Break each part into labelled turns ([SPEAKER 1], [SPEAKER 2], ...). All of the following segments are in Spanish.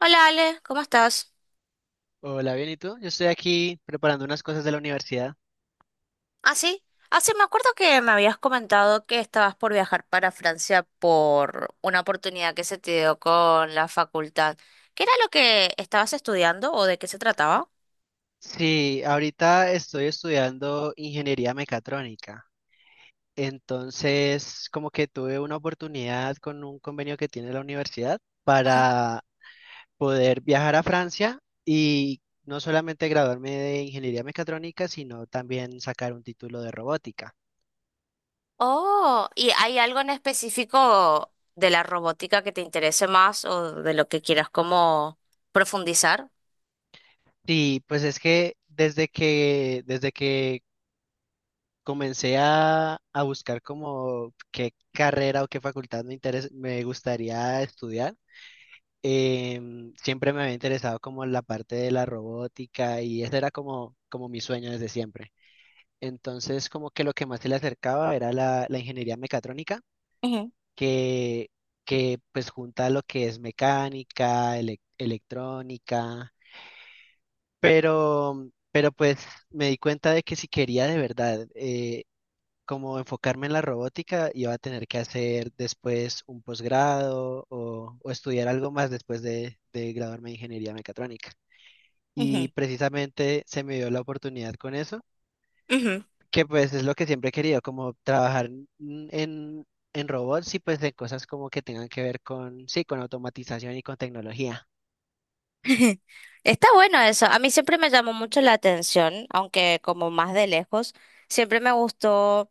[SPEAKER 1] Hola Ale, ¿cómo estás?
[SPEAKER 2] Hola, bien, ¿y tú? Yo estoy aquí preparando unas cosas de la universidad.
[SPEAKER 1] Ah, sí. Ah, sí, me acuerdo que me habías comentado que estabas por viajar para Francia por una oportunidad que se te dio con la facultad. ¿Qué era lo que estabas estudiando o de qué se trataba?
[SPEAKER 2] Sí, ahorita estoy estudiando ingeniería mecatrónica. Entonces, como que tuve una oportunidad con un convenio que tiene la universidad
[SPEAKER 1] Ajá.
[SPEAKER 2] para poder viajar a Francia y no solamente graduarme de ingeniería mecatrónica, sino también sacar un título de robótica.
[SPEAKER 1] Oh, ¿y hay algo en específico de la robótica que te interese más o de lo que quieras como profundizar?
[SPEAKER 2] Sí, pues es que desde que comencé a buscar como qué carrera o qué facultad me gustaría estudiar. Siempre me había interesado como la parte de la robótica y ese era como mi sueño desde siempre. Entonces como que lo que más se le acercaba era la ingeniería mecatrónica,
[SPEAKER 1] Ujú,
[SPEAKER 2] que, que pues junta lo que es mecánica, electrónica, pero pues me di cuenta de que si quería de verdad como enfocarme en la robótica, iba a tener que hacer después un posgrado o estudiar algo más después de graduarme de ingeniería mecatrónica. Y
[SPEAKER 1] ujú.
[SPEAKER 2] precisamente se me dio la oportunidad con eso,
[SPEAKER 1] Ujú.
[SPEAKER 2] que pues es lo que siempre he querido, como trabajar en en robots y pues en cosas como que tengan que ver con, sí, con automatización y con tecnología.
[SPEAKER 1] Está bueno eso. A mí siempre me llamó mucho la atención, aunque como más de lejos, siempre me gustó.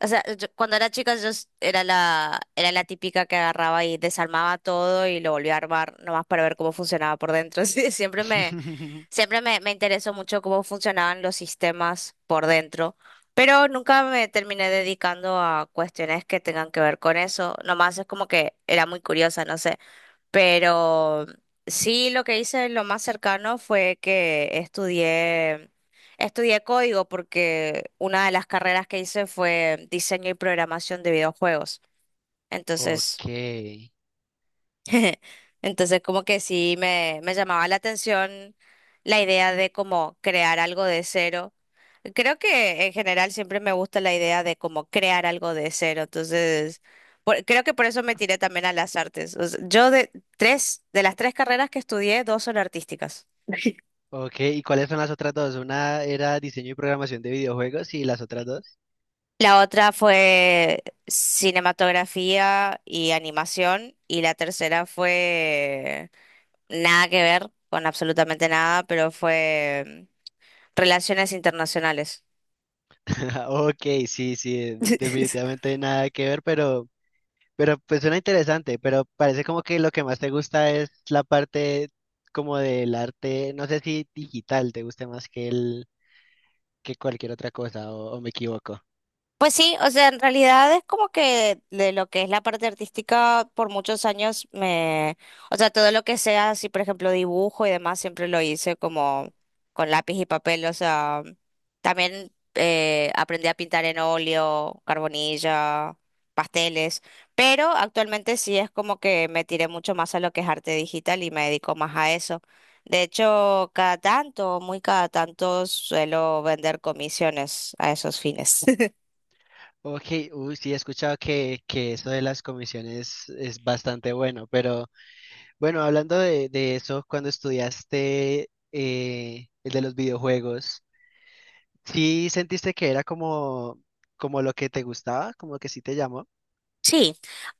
[SPEAKER 1] O sea, yo- cuando era chica era la típica que agarraba y desarmaba todo y lo volvía a armar nomás para ver cómo funcionaba por dentro. Sí, siempre me, siempre me, me interesó mucho cómo funcionaban los sistemas por dentro, pero nunca me terminé dedicando a cuestiones que tengan que ver con eso. Nomás es como que era muy curiosa, no sé. Pero sí, lo que hice lo más cercano fue que estudié código porque una de las carreras que hice fue diseño y programación de videojuegos. Entonces,
[SPEAKER 2] Ok,
[SPEAKER 1] entonces, como que sí me llamaba la atención la idea de como crear algo de cero. Creo que en general siempre me gusta la idea de como crear algo de cero. Entonces, creo que por eso me tiré también a las artes. O sea, yo de tres, de las tres carreras que estudié, dos son artísticas.
[SPEAKER 2] ok. ¿Y cuáles son las otras dos? Una era diseño y programación de videojuegos y las otras dos.
[SPEAKER 1] La otra fue cinematografía y animación y la tercera fue nada que ver con absolutamente nada, pero fue Relaciones Internacionales.
[SPEAKER 2] Ok, sí, sí, definitivamente hay nada que ver, pero, pues suena interesante, pero parece como que lo que más te gusta es la parte como del arte, no sé si digital te guste más que que cualquier otra cosa, o me equivoco.
[SPEAKER 1] Pues sí, o sea, en realidad es como que de lo que es la parte artística por muchos años o sea, todo lo que sea así, por ejemplo, dibujo y demás, siempre lo hice como con lápiz y papel, o sea, también aprendí a pintar en óleo, carbonilla, pasteles, pero actualmente sí es como que me tiré mucho más a lo que es arte digital y me dedico más a eso. De hecho, cada tanto, muy cada tanto suelo vender comisiones a esos fines.
[SPEAKER 2] Ok, uy, sí, he escuchado que eso de las comisiones es bastante bueno, pero bueno, hablando de eso, cuando estudiaste el de los videojuegos, ¿sí sentiste que era como, como lo que te gustaba? ¿Como que sí te llamó?
[SPEAKER 1] Sí,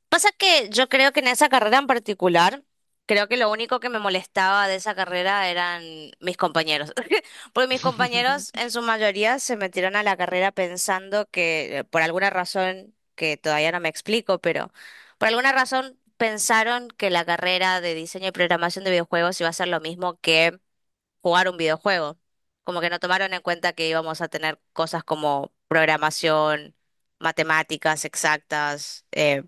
[SPEAKER 1] pasa que yo creo que en esa carrera en particular, creo que lo único que me molestaba de esa carrera eran mis compañeros, porque mis compañeros en su mayoría se metieron a la carrera pensando que por alguna razón, que todavía no me explico, pero por alguna razón pensaron que la carrera de diseño y programación de videojuegos iba a ser lo mismo que jugar un videojuego, como que no tomaron en cuenta que íbamos a tener cosas como programación, matemáticas exactas.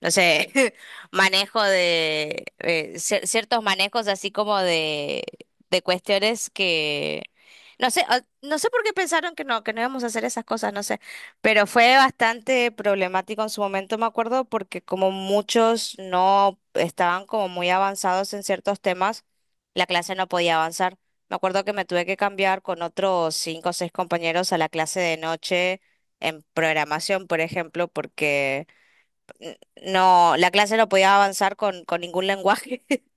[SPEAKER 1] No sé, manejo de ciertos manejos así como de cuestiones que no sé, ah, no sé por qué pensaron que que no íbamos a hacer esas cosas, no sé, pero fue bastante problemático en su momento, me acuerdo, porque como muchos no estaban como muy avanzados en ciertos temas, la clase no podía avanzar. Me acuerdo que me tuve que cambiar con otros cinco o seis compañeros a la clase de noche en programación, por ejemplo, porque n- no, la clase no podía avanzar con ningún lenguaje.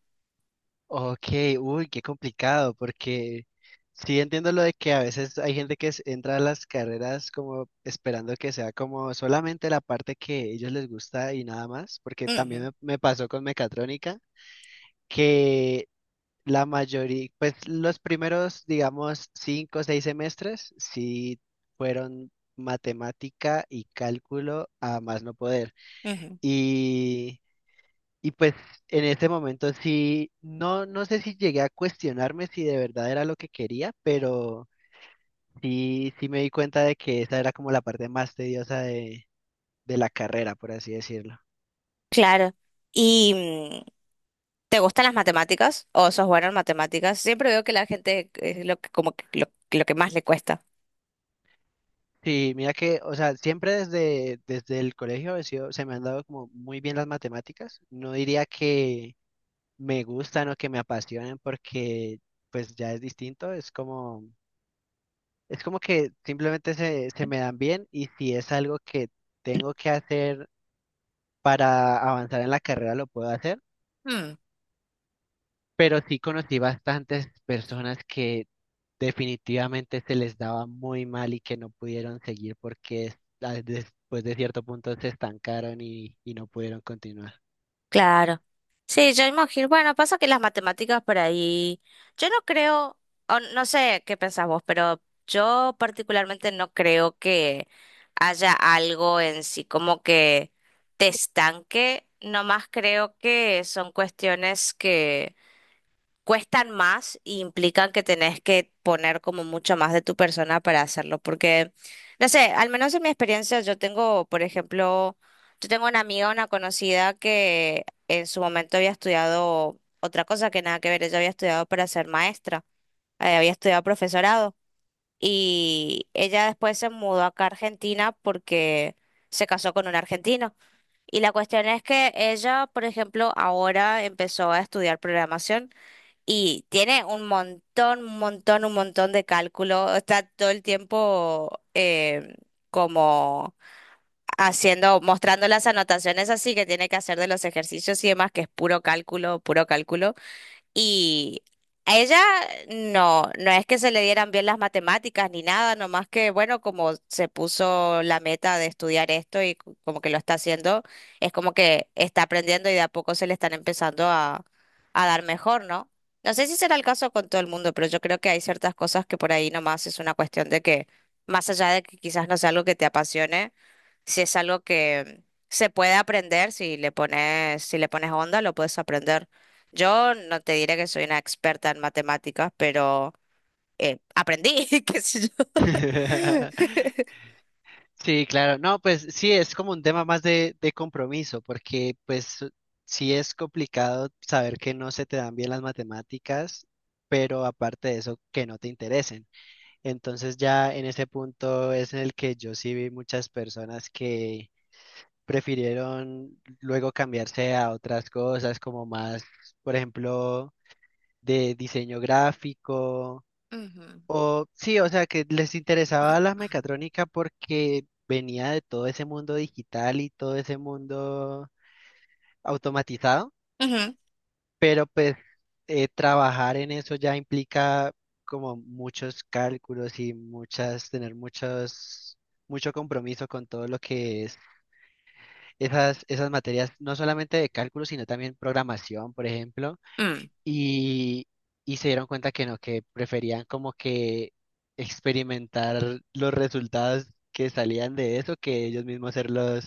[SPEAKER 2] Ok, uy, qué complicado, porque sí entiendo lo de que a veces hay gente que entra a las carreras como esperando que sea como solamente la parte que a ellos les gusta y nada más, porque también
[SPEAKER 1] Ujú,
[SPEAKER 2] me pasó con mecatrónica, que la mayoría, pues los primeros, digamos, cinco o seis semestres sí fueron matemática y cálculo a más no poder.
[SPEAKER 1] ujú.
[SPEAKER 2] Y, y pues en ese momento sí, no, no sé si llegué a cuestionarme si de verdad era lo que quería, pero sí, sí me di cuenta de que esa era como la parte más tediosa de la carrera, por así decirlo.
[SPEAKER 1] Claro. ¿Y te gustan las matemáticas? ¿O sos bueno en matemáticas? Siempre veo que la gente es lo que, como que lo que más le cuesta.
[SPEAKER 2] Sí, mira que, o sea, desde el colegio se me han dado como muy bien las matemáticas. No diría que me gustan o que me apasionen porque pues ya es distinto, es como. Es como que simplemente se me dan bien y si es algo que tengo que hacer para avanzar en la carrera, lo puedo hacer. Pero sí conocí bastantes personas que definitivamente se les daba muy mal y que no pudieron seguir porque después de cierto punto se estancaron y no pudieron continuar.
[SPEAKER 1] Claro. Sí, yo imagino. Bueno, pasa que las matemáticas por ahí. Yo no creo, o no sé qué pensás vos, pero yo particularmente no creo que haya algo en sí como que te estanque. Nomás creo que son cuestiones que cuestan más y implican que tenés que poner como mucho más de tu persona para hacerlo, porque, no sé, al menos en mi experiencia yo tengo, por ejemplo, yo tengo una amiga, una conocida que en su momento había estudiado otra cosa que nada que ver, ella había estudiado para ser maestra, había estudiado profesorado y ella después se mudó acá a Argentina porque se casó con un argentino. Y la cuestión es que ella, por ejemplo, ahora empezó a estudiar programación. Y tiene un montón, un montón, un montón de cálculo. Está todo el tiempo como haciendo, mostrando las anotaciones así que tiene que hacer de los ejercicios y demás, que es puro cálculo, puro cálculo. Y a ella no es que se le dieran bien las matemáticas ni nada, nomás que, bueno, como se puso la meta de estudiar esto y como que lo está haciendo, es como que está aprendiendo y de a poco se le están empezando a dar mejor, ¿no? No sé si será el caso con todo el mundo, pero yo creo que hay ciertas cosas que por ahí nomás es una cuestión de que, más allá de que quizás no sea algo que te apasione, si es algo que se puede aprender, si le pones onda, lo puedes aprender. Yo no te diré que soy una experta en matemáticas, pero aprendí, qué sé yo.
[SPEAKER 2] Sí, claro. No, pues sí, es como un tema más de compromiso, porque pues sí es complicado saber que no se te dan bien las matemáticas, pero aparte de eso, que no te interesen. Entonces ya en ese punto es en el que yo sí vi muchas personas que prefirieron luego cambiarse a otras cosas, como más, por ejemplo, de diseño gráfico
[SPEAKER 1] Ujú.
[SPEAKER 2] o sí, o sea, que les interesaba la mecatrónica porque venía de todo ese mundo digital y todo ese mundo automatizado.
[SPEAKER 1] Ujú.
[SPEAKER 2] Pues trabajar en eso ya implica como muchos cálculos y muchas, tener muchos, mucho compromiso con todo lo que es esas materias, no solamente de cálculo, sino también programación, por ejemplo.
[SPEAKER 1] Mm.
[SPEAKER 2] Y, y se dieron cuenta que no, que preferían como que experimentar los resultados que salían de eso que ellos mismos ser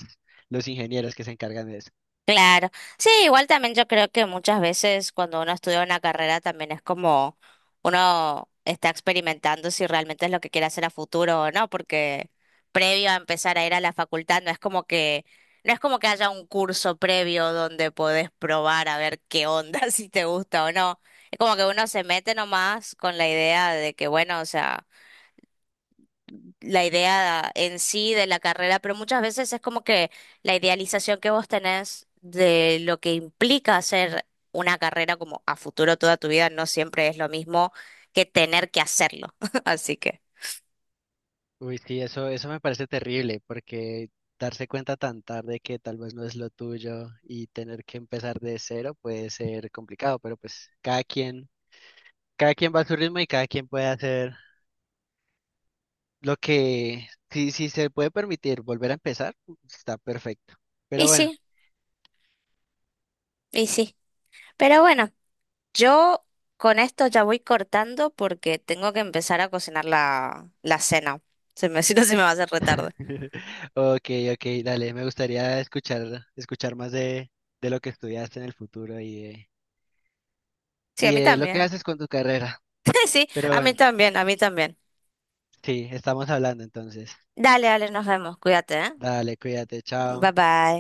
[SPEAKER 2] los ingenieros que se encargan de eso.
[SPEAKER 1] Claro. Sí, igual también yo creo que muchas veces cuando uno estudia una carrera también es como uno está experimentando si realmente es lo que quiere hacer a futuro o no, porque previo a empezar a ir a la facultad no es como que no es como que haya un curso previo donde podés probar a ver qué onda, si te gusta o no. Es como que uno se mete nomás con la idea de que bueno, o sea, la idea en sí de la carrera, pero muchas veces es como que la idealización que vos tenés de lo que implica hacer una carrera como a futuro toda tu vida no siempre es lo mismo que tener que hacerlo. Así que,
[SPEAKER 2] Uy, sí, eso me parece terrible porque darse cuenta tan tarde que tal vez no es lo tuyo y tener que empezar de cero puede ser complicado, pero pues cada quien va a su ritmo y cada quien puede hacer lo que, si se puede permitir volver a empezar, está perfecto.
[SPEAKER 1] y
[SPEAKER 2] Pero bueno.
[SPEAKER 1] sí, y sí. Pero bueno, yo con esto ya voy cortando porque tengo que empezar a cocinar la cena. Si no, se me va a hacer retardo.
[SPEAKER 2] Ok, ok, dale, me gustaría escuchar, escuchar más de lo que estudiaste en el futuro
[SPEAKER 1] Sí, a
[SPEAKER 2] y
[SPEAKER 1] mí
[SPEAKER 2] de lo que
[SPEAKER 1] también.
[SPEAKER 2] haces con tu carrera.
[SPEAKER 1] Sí,
[SPEAKER 2] Pero
[SPEAKER 1] a mí
[SPEAKER 2] bueno,
[SPEAKER 1] también, a mí también.
[SPEAKER 2] sí, estamos hablando entonces.
[SPEAKER 1] Dale, dale, nos vemos. Cuídate, ¿eh?
[SPEAKER 2] Dale, cuídate,
[SPEAKER 1] Bye
[SPEAKER 2] chao.
[SPEAKER 1] bye.